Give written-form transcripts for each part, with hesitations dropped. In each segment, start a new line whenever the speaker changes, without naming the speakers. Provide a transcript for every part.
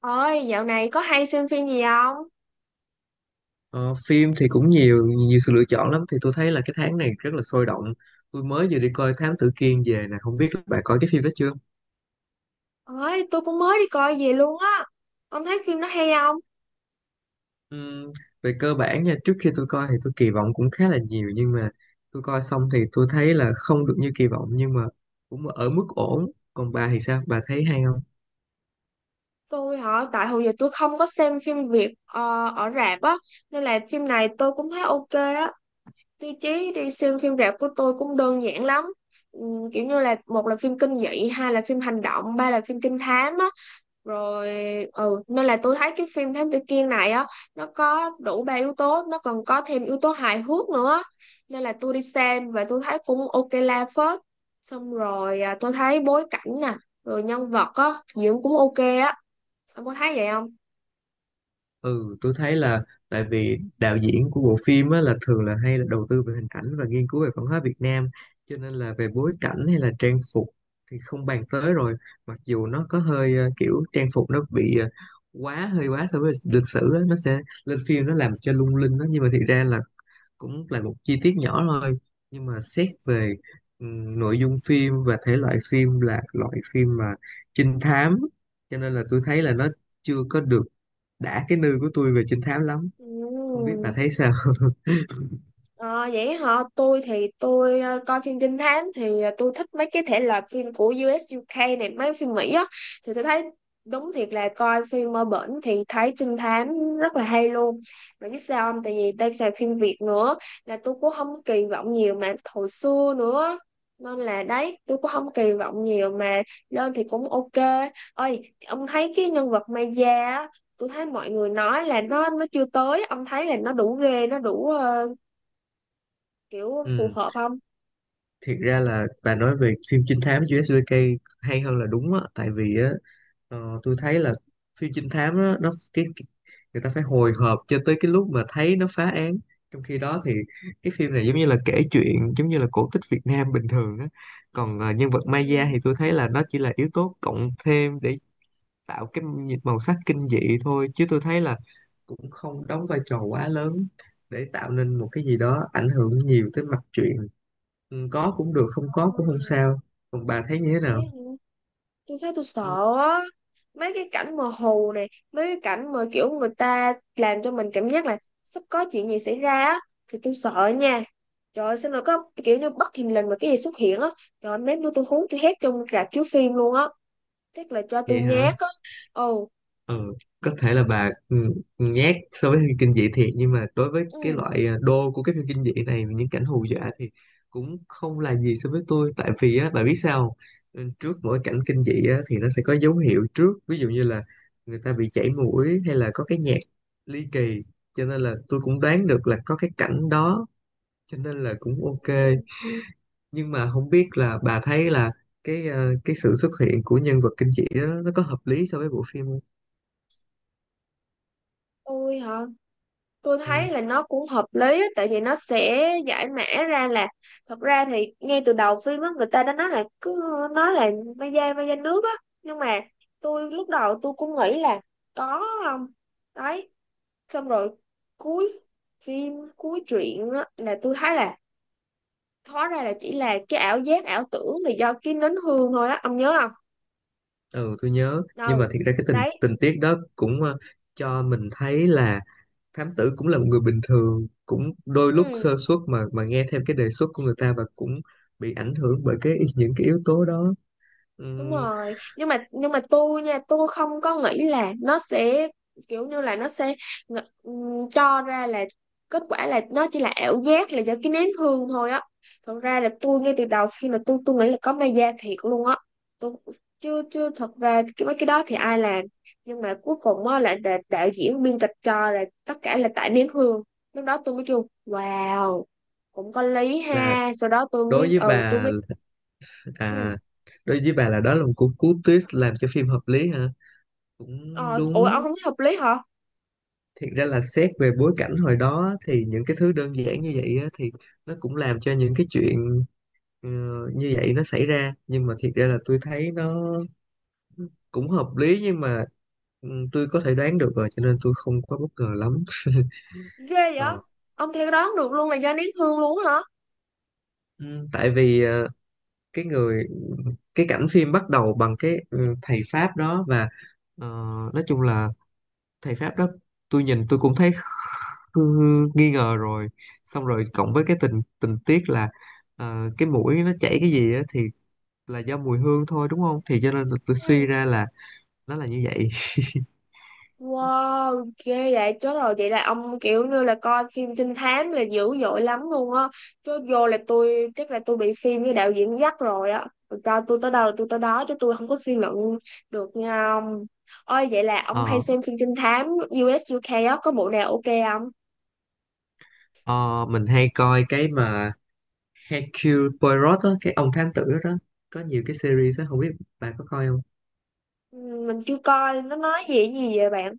Ôi, dạo này có hay xem phim gì không?
Ờ, phim thì cũng nhiều nhiều sự lựa chọn lắm, thì tôi thấy là cái tháng này rất là sôi động. Tôi mới vừa đi coi Thám Tử Kiên về nè, không biết là bạn coi cái phim đó chưa.
Ôi, tôi cũng mới đi coi về luôn á. Ông thấy phim nó hay không?
Ừm, Về cơ bản nha, trước khi tôi coi thì tôi kỳ vọng cũng khá là nhiều, nhưng mà tôi coi xong thì tôi thấy là không được như kỳ vọng, nhưng mà cũng ở mức ổn. Còn bà thì sao, bà thấy hay?
Tôi hả, tại hồi giờ tôi không có xem phim Việt ở rạp á, nên là phim này tôi cũng thấy ok á. Tiêu chí đi xem phim rạp của tôi cũng đơn giản lắm. Kiểu như là một là phim kinh dị, hai là phim hành động, ba là phim trinh thám á. Rồi, ừ, nên là tôi thấy cái phim Thám Tử Kiên này á, nó có đủ ba yếu tố, nó còn có thêm yếu tố hài hước nữa nên là tôi đi xem và tôi thấy cũng ok la phết. Xong rồi à, tôi thấy bối cảnh nè, rồi nhân vật á diễn cũng ok á. Ông có thấy vậy không?
Ừ, tôi thấy là tại vì đạo diễn của bộ phim á, là thường là hay là đầu tư về hình ảnh và nghiên cứu về văn hóa Việt Nam, cho nên là về bối cảnh hay là trang phục thì không bàn tới rồi. Mặc dù nó có hơi kiểu trang phục nó bị quá, hơi quá so với lịch sử á, nó sẽ lên phim nó làm cho lung linh đó, nhưng mà thiệt ra là cũng là một chi tiết nhỏ thôi. Nhưng mà xét về nội dung phim và thể loại phim, là loại phim mà trinh thám, cho nên là tôi thấy là nó chưa có được đã cái nư của tôi về trinh thám lắm. Không biết bà
Ừ.
thấy sao?
Ờ, vậy hả? Tôi thì tôi coi phim trinh thám thì tôi thích mấy cái thể loại phim của U.S. UK này, mấy phim Mỹ á, thì tôi thấy đúng thiệt là coi phim ở bển thì thấy trinh thám rất là hay luôn. Mà biết sao không? Tại vì đây là phim Việt nữa là tôi cũng không kỳ vọng nhiều mà hồi xưa nữa, nên là đấy tôi cũng không kỳ vọng nhiều mà lên thì cũng ok. Ơi, ông thấy cái nhân vật Maya á, tôi thấy mọi người nói là nó chưa tới, ông thấy là nó đủ ghê, nó đủ kiểu phù
Ừ,
hợp không?
thiệt ra là bà nói về phim trinh thám USJK hay hơn là đúng á, tại vì á, tôi thấy là phim trinh thám đó, nó cái người ta phải hồi hộp cho tới cái lúc mà thấy nó phá án. Trong khi đó thì cái phim này giống như là kể chuyện, giống như là cổ tích Việt Nam bình thường á. Còn nhân vật Maya
Ừ.
thì tôi thấy là nó chỉ là yếu tố cộng thêm để tạo cái màu sắc kinh dị thôi, chứ tôi thấy là cũng không đóng vai trò quá lớn để tạo nên một cái gì đó ảnh hưởng nhiều tới mạch truyện. Ừ, có cũng được, không có cũng không
Ờ,
sao. Còn bà thấy như thế
thế
nào?
hả? Tôi thấy tôi
Ừ,
sợ á, mấy cái cảnh mờ hồ này, mấy cái cảnh mà kiểu người ta làm cho mình cảm giác là sắp có chuyện gì xảy ra á thì tôi sợ nha. Trời ơi, sao nó có kiểu như bất thình lình mà cái gì xuất hiện á. Trời ơi, mấy bữa tôi hú tôi hét trong rạp chiếu phim luôn á, chắc là cho tôi
vậy hả?
nhát á. Ồ.
Ừ, có thể là bà nhát so với phim kinh dị thiệt, nhưng mà đối với cái
Ừ.
loại đô của cái phim kinh dị này, những cảnh hù dọa thì cũng không là gì so với tôi. Tại vì á, bà biết sao không? Ừ, trước mỗi cảnh kinh dị á thì nó sẽ có dấu hiệu trước, ví dụ như là người ta bị chảy mũi, hay là có cái nhạc ly kỳ, cho nên là tôi cũng đoán được là có cái cảnh đó, cho nên là cũng ok.
Ừ,
Nhưng mà không biết là bà thấy là cái cái sự xuất hiện của nhân vật kinh dị đó, nó có hợp lý so với bộ phim không?
tôi hả, tôi
Ừ.
thấy là nó cũng hợp lý á, tại vì nó sẽ giải mã ra là, thật ra thì ngay từ đầu phim á người ta đã nói là cứ nói là mai da nước á, nhưng mà tôi lúc đầu tôi cũng nghĩ là có không, đấy. Xong rồi cuối phim cuối truyện á, là tôi thấy là hóa ra là chỉ là cái ảo giác ảo tưởng là do cái nến hương thôi á, ông nhớ không?
Ừ, tôi nhớ, nhưng mà
Đâu,
thiệt ra cái tình
đấy,
tình tiết đó cũng cho mình thấy là thám tử cũng là một người bình thường, cũng đôi lúc
ừ,
sơ suất mà nghe theo cái đề xuất của người ta, và cũng bị ảnh hưởng bởi cái những cái yếu tố đó.
đúng
Ừm,
rồi. Nhưng mà tôi nha, tôi không có nghĩ là nó sẽ kiểu như là nó sẽ cho ra là kết quả là nó chỉ là ảo giác là do cái nén hương thôi á. Thật ra là tôi ngay từ đầu khi mà tôi nghĩ là có ma da thiệt luôn á. Tôi chưa chưa thật ra cái mấy cái đó thì ai làm, nhưng mà cuối cùng á là đạo diễn biên kịch cho là tất cả là tại nén hương. Lúc đó tôi mới kêu wow, cũng có lý
là
ha, sau đó tôi
đối
mới
với
ừ tôi
bà,
mới ừ.
à, đối với bà là đó là một cú cú twist làm cho phim hợp lý hả? Cũng
Ờ, ủa ông
đúng.
không thấy hợp lý hả?
Thiệt ra là xét về bối cảnh hồi đó, thì những cái thứ đơn giản như vậy á, thì nó cũng làm cho những cái chuyện Ờ, như vậy nó xảy ra. Nhưng mà thiệt ra là tôi thấy nó cũng hợp lý, nhưng mà ừ, tôi có thể đoán được rồi cho nên tôi không quá bất ngờ lắm.
Ghê vậy?
Ờ,
Ông theo đoán được luôn là do nén hương luôn hả?
ừ, tại vì cái người, cái cảnh phim bắt đầu bằng cái thầy Pháp đó, và ờ, nói chung là thầy Pháp đó tôi nhìn tôi cũng thấy ừ, nghi ngờ rồi. Xong rồi cộng với cái tình tình tiết là cái mũi nó chảy cái gì á, thì là do mùi hương thôi đúng không, thì cho nên là tôi suy
Ừ.
ra là nó là như vậy.
Wow, ghê vậy, chết rồi, vậy là ông kiểu như là coi phim trinh thám là dữ dội lắm luôn á. Chứ vô là tôi chắc là tôi bị phim với đạo diễn dắt rồi á. Rồi cho tôi tới đâu là tôi tới đó, chứ tôi không có suy luận được nha ông. Ơi, vậy là ông hay
Ờ.
xem phim trinh thám u ét u UK á, có bộ nào ok không?
Ờ, mình hay coi cái mà Hercule Poirot á, cái ông thám tử đó, đó có nhiều cái series á, không biết bạn có coi không?
Ừ, mình chưa coi, nó nói gì gì vậy bạn?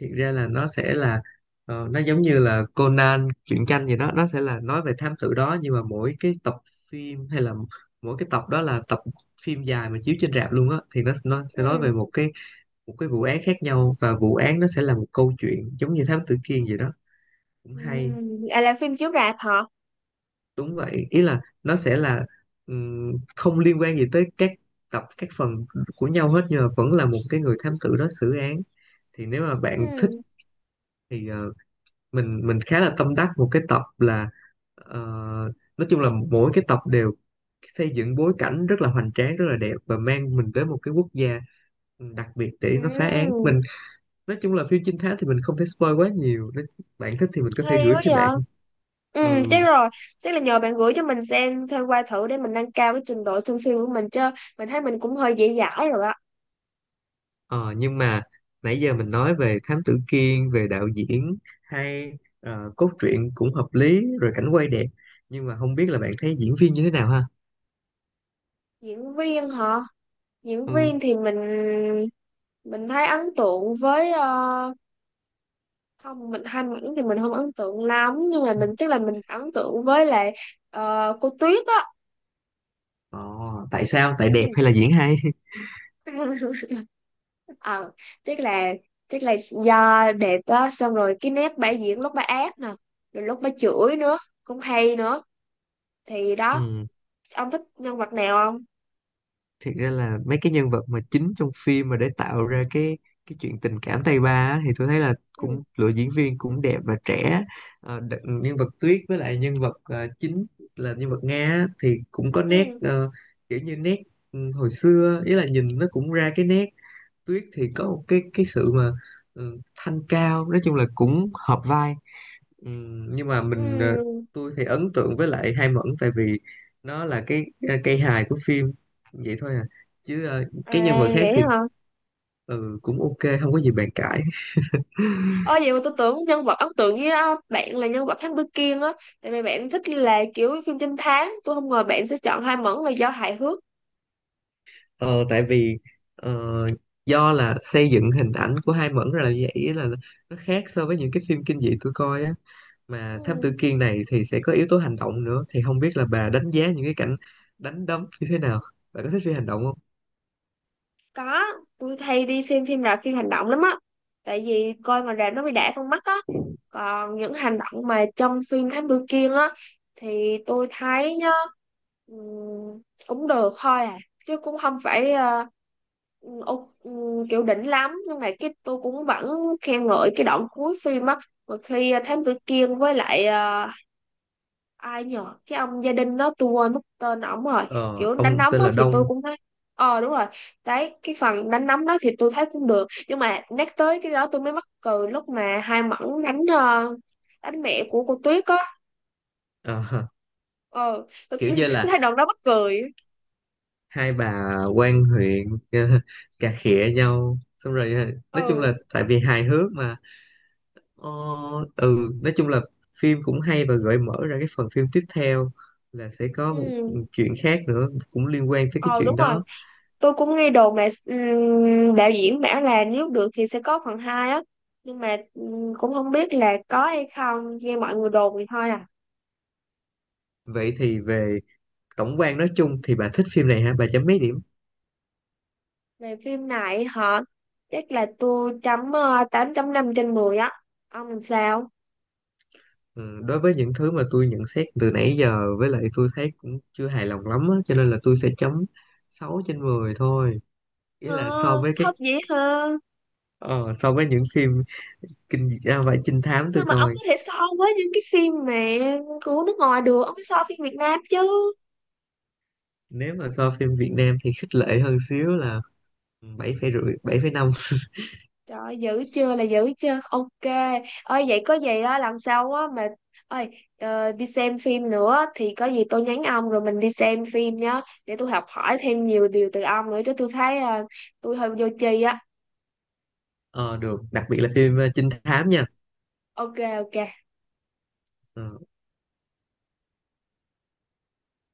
Thiệt ra là nó sẽ là nó giống như là Conan truyện tranh gì đó, nó sẽ là nói về thám tử đó, nhưng mà mỗi cái tập phim, hay là mỗi cái tập đó là tập phim dài mà chiếu trên rạp luôn á, thì nó sẽ nói
Ừ.
về một cái vụ án khác nhau, và vụ án nó sẽ là một câu chuyện giống như thám tử Kiên gì đó. Cũng
Ừ.
hay.
À, là phim chiếu rạp hả?
Đúng vậy, ý là nó sẽ là không liên quan gì tới các tập, các phần của nhau hết, nhưng mà vẫn là một cái người thám tử đó xử án. Thì nếu mà bạn thích
Ừ.
thì mình khá là tâm đắc một cái tập là, ờ, nói chung là mỗi cái tập đều xây dựng bối cảnh rất là hoành tráng, rất là đẹp, và mang mình tới một cái quốc gia đặc biệt để nó phá án.
Ừ.
Mình nói chung là phim trinh thám thì mình không thể spoil quá nhiều, nếu bạn thích thì mình có thể
Hay
gửi
quá
cho
vậy.
bạn.
Ừ,
Ừ.
chắc rồi. Chắc là nhờ bạn gửi cho mình xem thêm qua thử để mình nâng cao cái trình độ xem phim của mình chứ. Mình thấy mình cũng hơi dễ dãi rồi á.
Ờ, nhưng mà nãy giờ mình nói về Thám Tử Kiên, về đạo diễn hay cốt truyện cũng hợp lý rồi, cảnh quay đẹp, nhưng mà không biết là bạn thấy diễn viên như thế nào ha?
Diễn viên hả? Diễn
Ừ.
viên thì mình thấy ấn tượng với không, mình hai mảnh thì mình không ấn tượng lắm, nhưng mà mình chắc là mình ấn tượng với lại cô Tuyết á.
Ờ, tại sao? Tại
Ừ.
đẹp hay là diễn hay?
Ờ, chắc là chắc là do đẹp á, xong rồi cái nét bả diễn lúc bả ác nè, rồi lúc bả chửi nữa, cũng hay nữa, thì đó.
Ừ.
Ông thích nhân vật nào không?
Thiệt ra là mấy cái nhân vật mà chính trong phim, mà để tạo ra cái chuyện tình cảm tay ba á, thì tôi thấy là
Ừ.
cũng lựa diễn viên cũng đẹp và trẻ. Ờ, nhân vật Tuyết với lại nhân vật chính là nhân vật Nga á, thì cũng có nét
Ừ.
kiểu như nét, ừ, hồi xưa, ý là nhìn nó cũng ra cái nét. Tuyết thì có một cái sự mà, ừ, thanh cao, nói chung là cũng hợp vai. Nhưng mà
Ừ.
tôi thì ấn tượng với lại Hai Mẫn, tại vì nó là cái, cây hài của phim vậy thôi à, chứ cái nhân
À,
vật khác
vậy
thì
hả?
ừ, cũng ok, không có gì bàn cãi.
Ơ, vậy mà tôi tưởng nhân vật ấn tượng với á, bạn là nhân vật Thám Tử Kiên á, tại vì bạn thích là kiểu phim trinh thám, tôi không ngờ bạn sẽ chọn Hoa Mẫn là do hài hước.
Ờ, tại vì ờ, do là xây dựng hình ảnh của Hai Mẫn ra là như vậy, ý là nó khác so với những cái phim kinh dị tôi coi á. Mà Thám Tử
Ừ.
Kiên này thì sẽ có yếu tố hành động nữa, thì không biết là bà đánh giá những cái cảnh đánh đấm như thế nào? Bạn có thích phim hành động không?
Có, tôi hay đi xem phim rạp phim hành động lắm á. Tại vì coi mà rạp nó bị đã con mắt á. Còn những hành động mà trong phim Thám Tử Kiên á thì tôi thấy nhá, ừm, cũng được thôi à, chứ cũng không phải kiểu đỉnh lắm, nhưng mà cái tôi cũng vẫn khen ngợi cái đoạn cuối phim á, mà khi Thám Tử Kiên với lại ai nhờ cái ông gia đình đó, tôi quên mất tên ổng rồi.
Ờ,
Kiểu đánh
ông
nóng
tên
đó
là
thì tôi
Đông.
cũng thấy, ờ đúng rồi. Đấy cái phần đánh nóng đó thì tôi thấy cũng được, nhưng mà nhắc tới cái đó tôi mới mắc cười lúc mà hai mẫn đánh đánh mẹ của cô Tuyết á.
Ờ,
Ờ tôi,
kiểu như
tôi
là
thấy đoạn đó mắc cười.
hai bà quan huyện cà khịa nhau, xong rồi nói chung là
Ừ.
tại vì hài hước mà. ờ, ừ, nói chung là phim cũng hay và gợi mở ra cái phần phim tiếp theo, là sẽ có một
Ừ.
chuyện khác nữa cũng liên quan tới cái
Ờ, đúng
chuyện
rồi,
đó.
tôi cũng nghe đồn là đạo diễn bảo là nếu được thì sẽ có phần hai á, nhưng mà cũng không biết là có hay không, nghe mọi người đồn thì thôi à.
Vậy thì về tổng quan nói chung thì bà thích phim này hả, bà chấm mấy điểm?
Về phim này hả? Chắc là tôi chấm 8,5/10 á. Ông làm sao?
Ừ, đối với những thứ mà tôi nhận xét từ nãy giờ, với lại tôi thấy cũng chưa hài lòng lắm á, cho nên là tôi sẽ chấm 6/10 thôi. Ý
Ờ.
là so với cái
Không vậy hả?
ờ, so với những phim vậy trinh thám
Sao
tôi
mà ông
coi.
có thể so với những cái phim mà của nước ngoài được? Ông phải so phim Việt Nam chứ.
Nếu mà so phim Việt Nam thì khích lệ hơn xíu, là 7,5, 7,5.
Trời ơi, dữ chưa là dữ chưa? Ok. Ơi vậy có gì á, lần sau á mà, ơi, đi xem phim nữa thì có gì tôi nhắn ông rồi mình đi xem phim nhá, để tôi học hỏi thêm nhiều điều từ ông nữa chứ, tôi thấy tôi hơi vô tri á.
Ờ được, đặc biệt là phim trinh thám nha.
Ok, ok.
Ờ.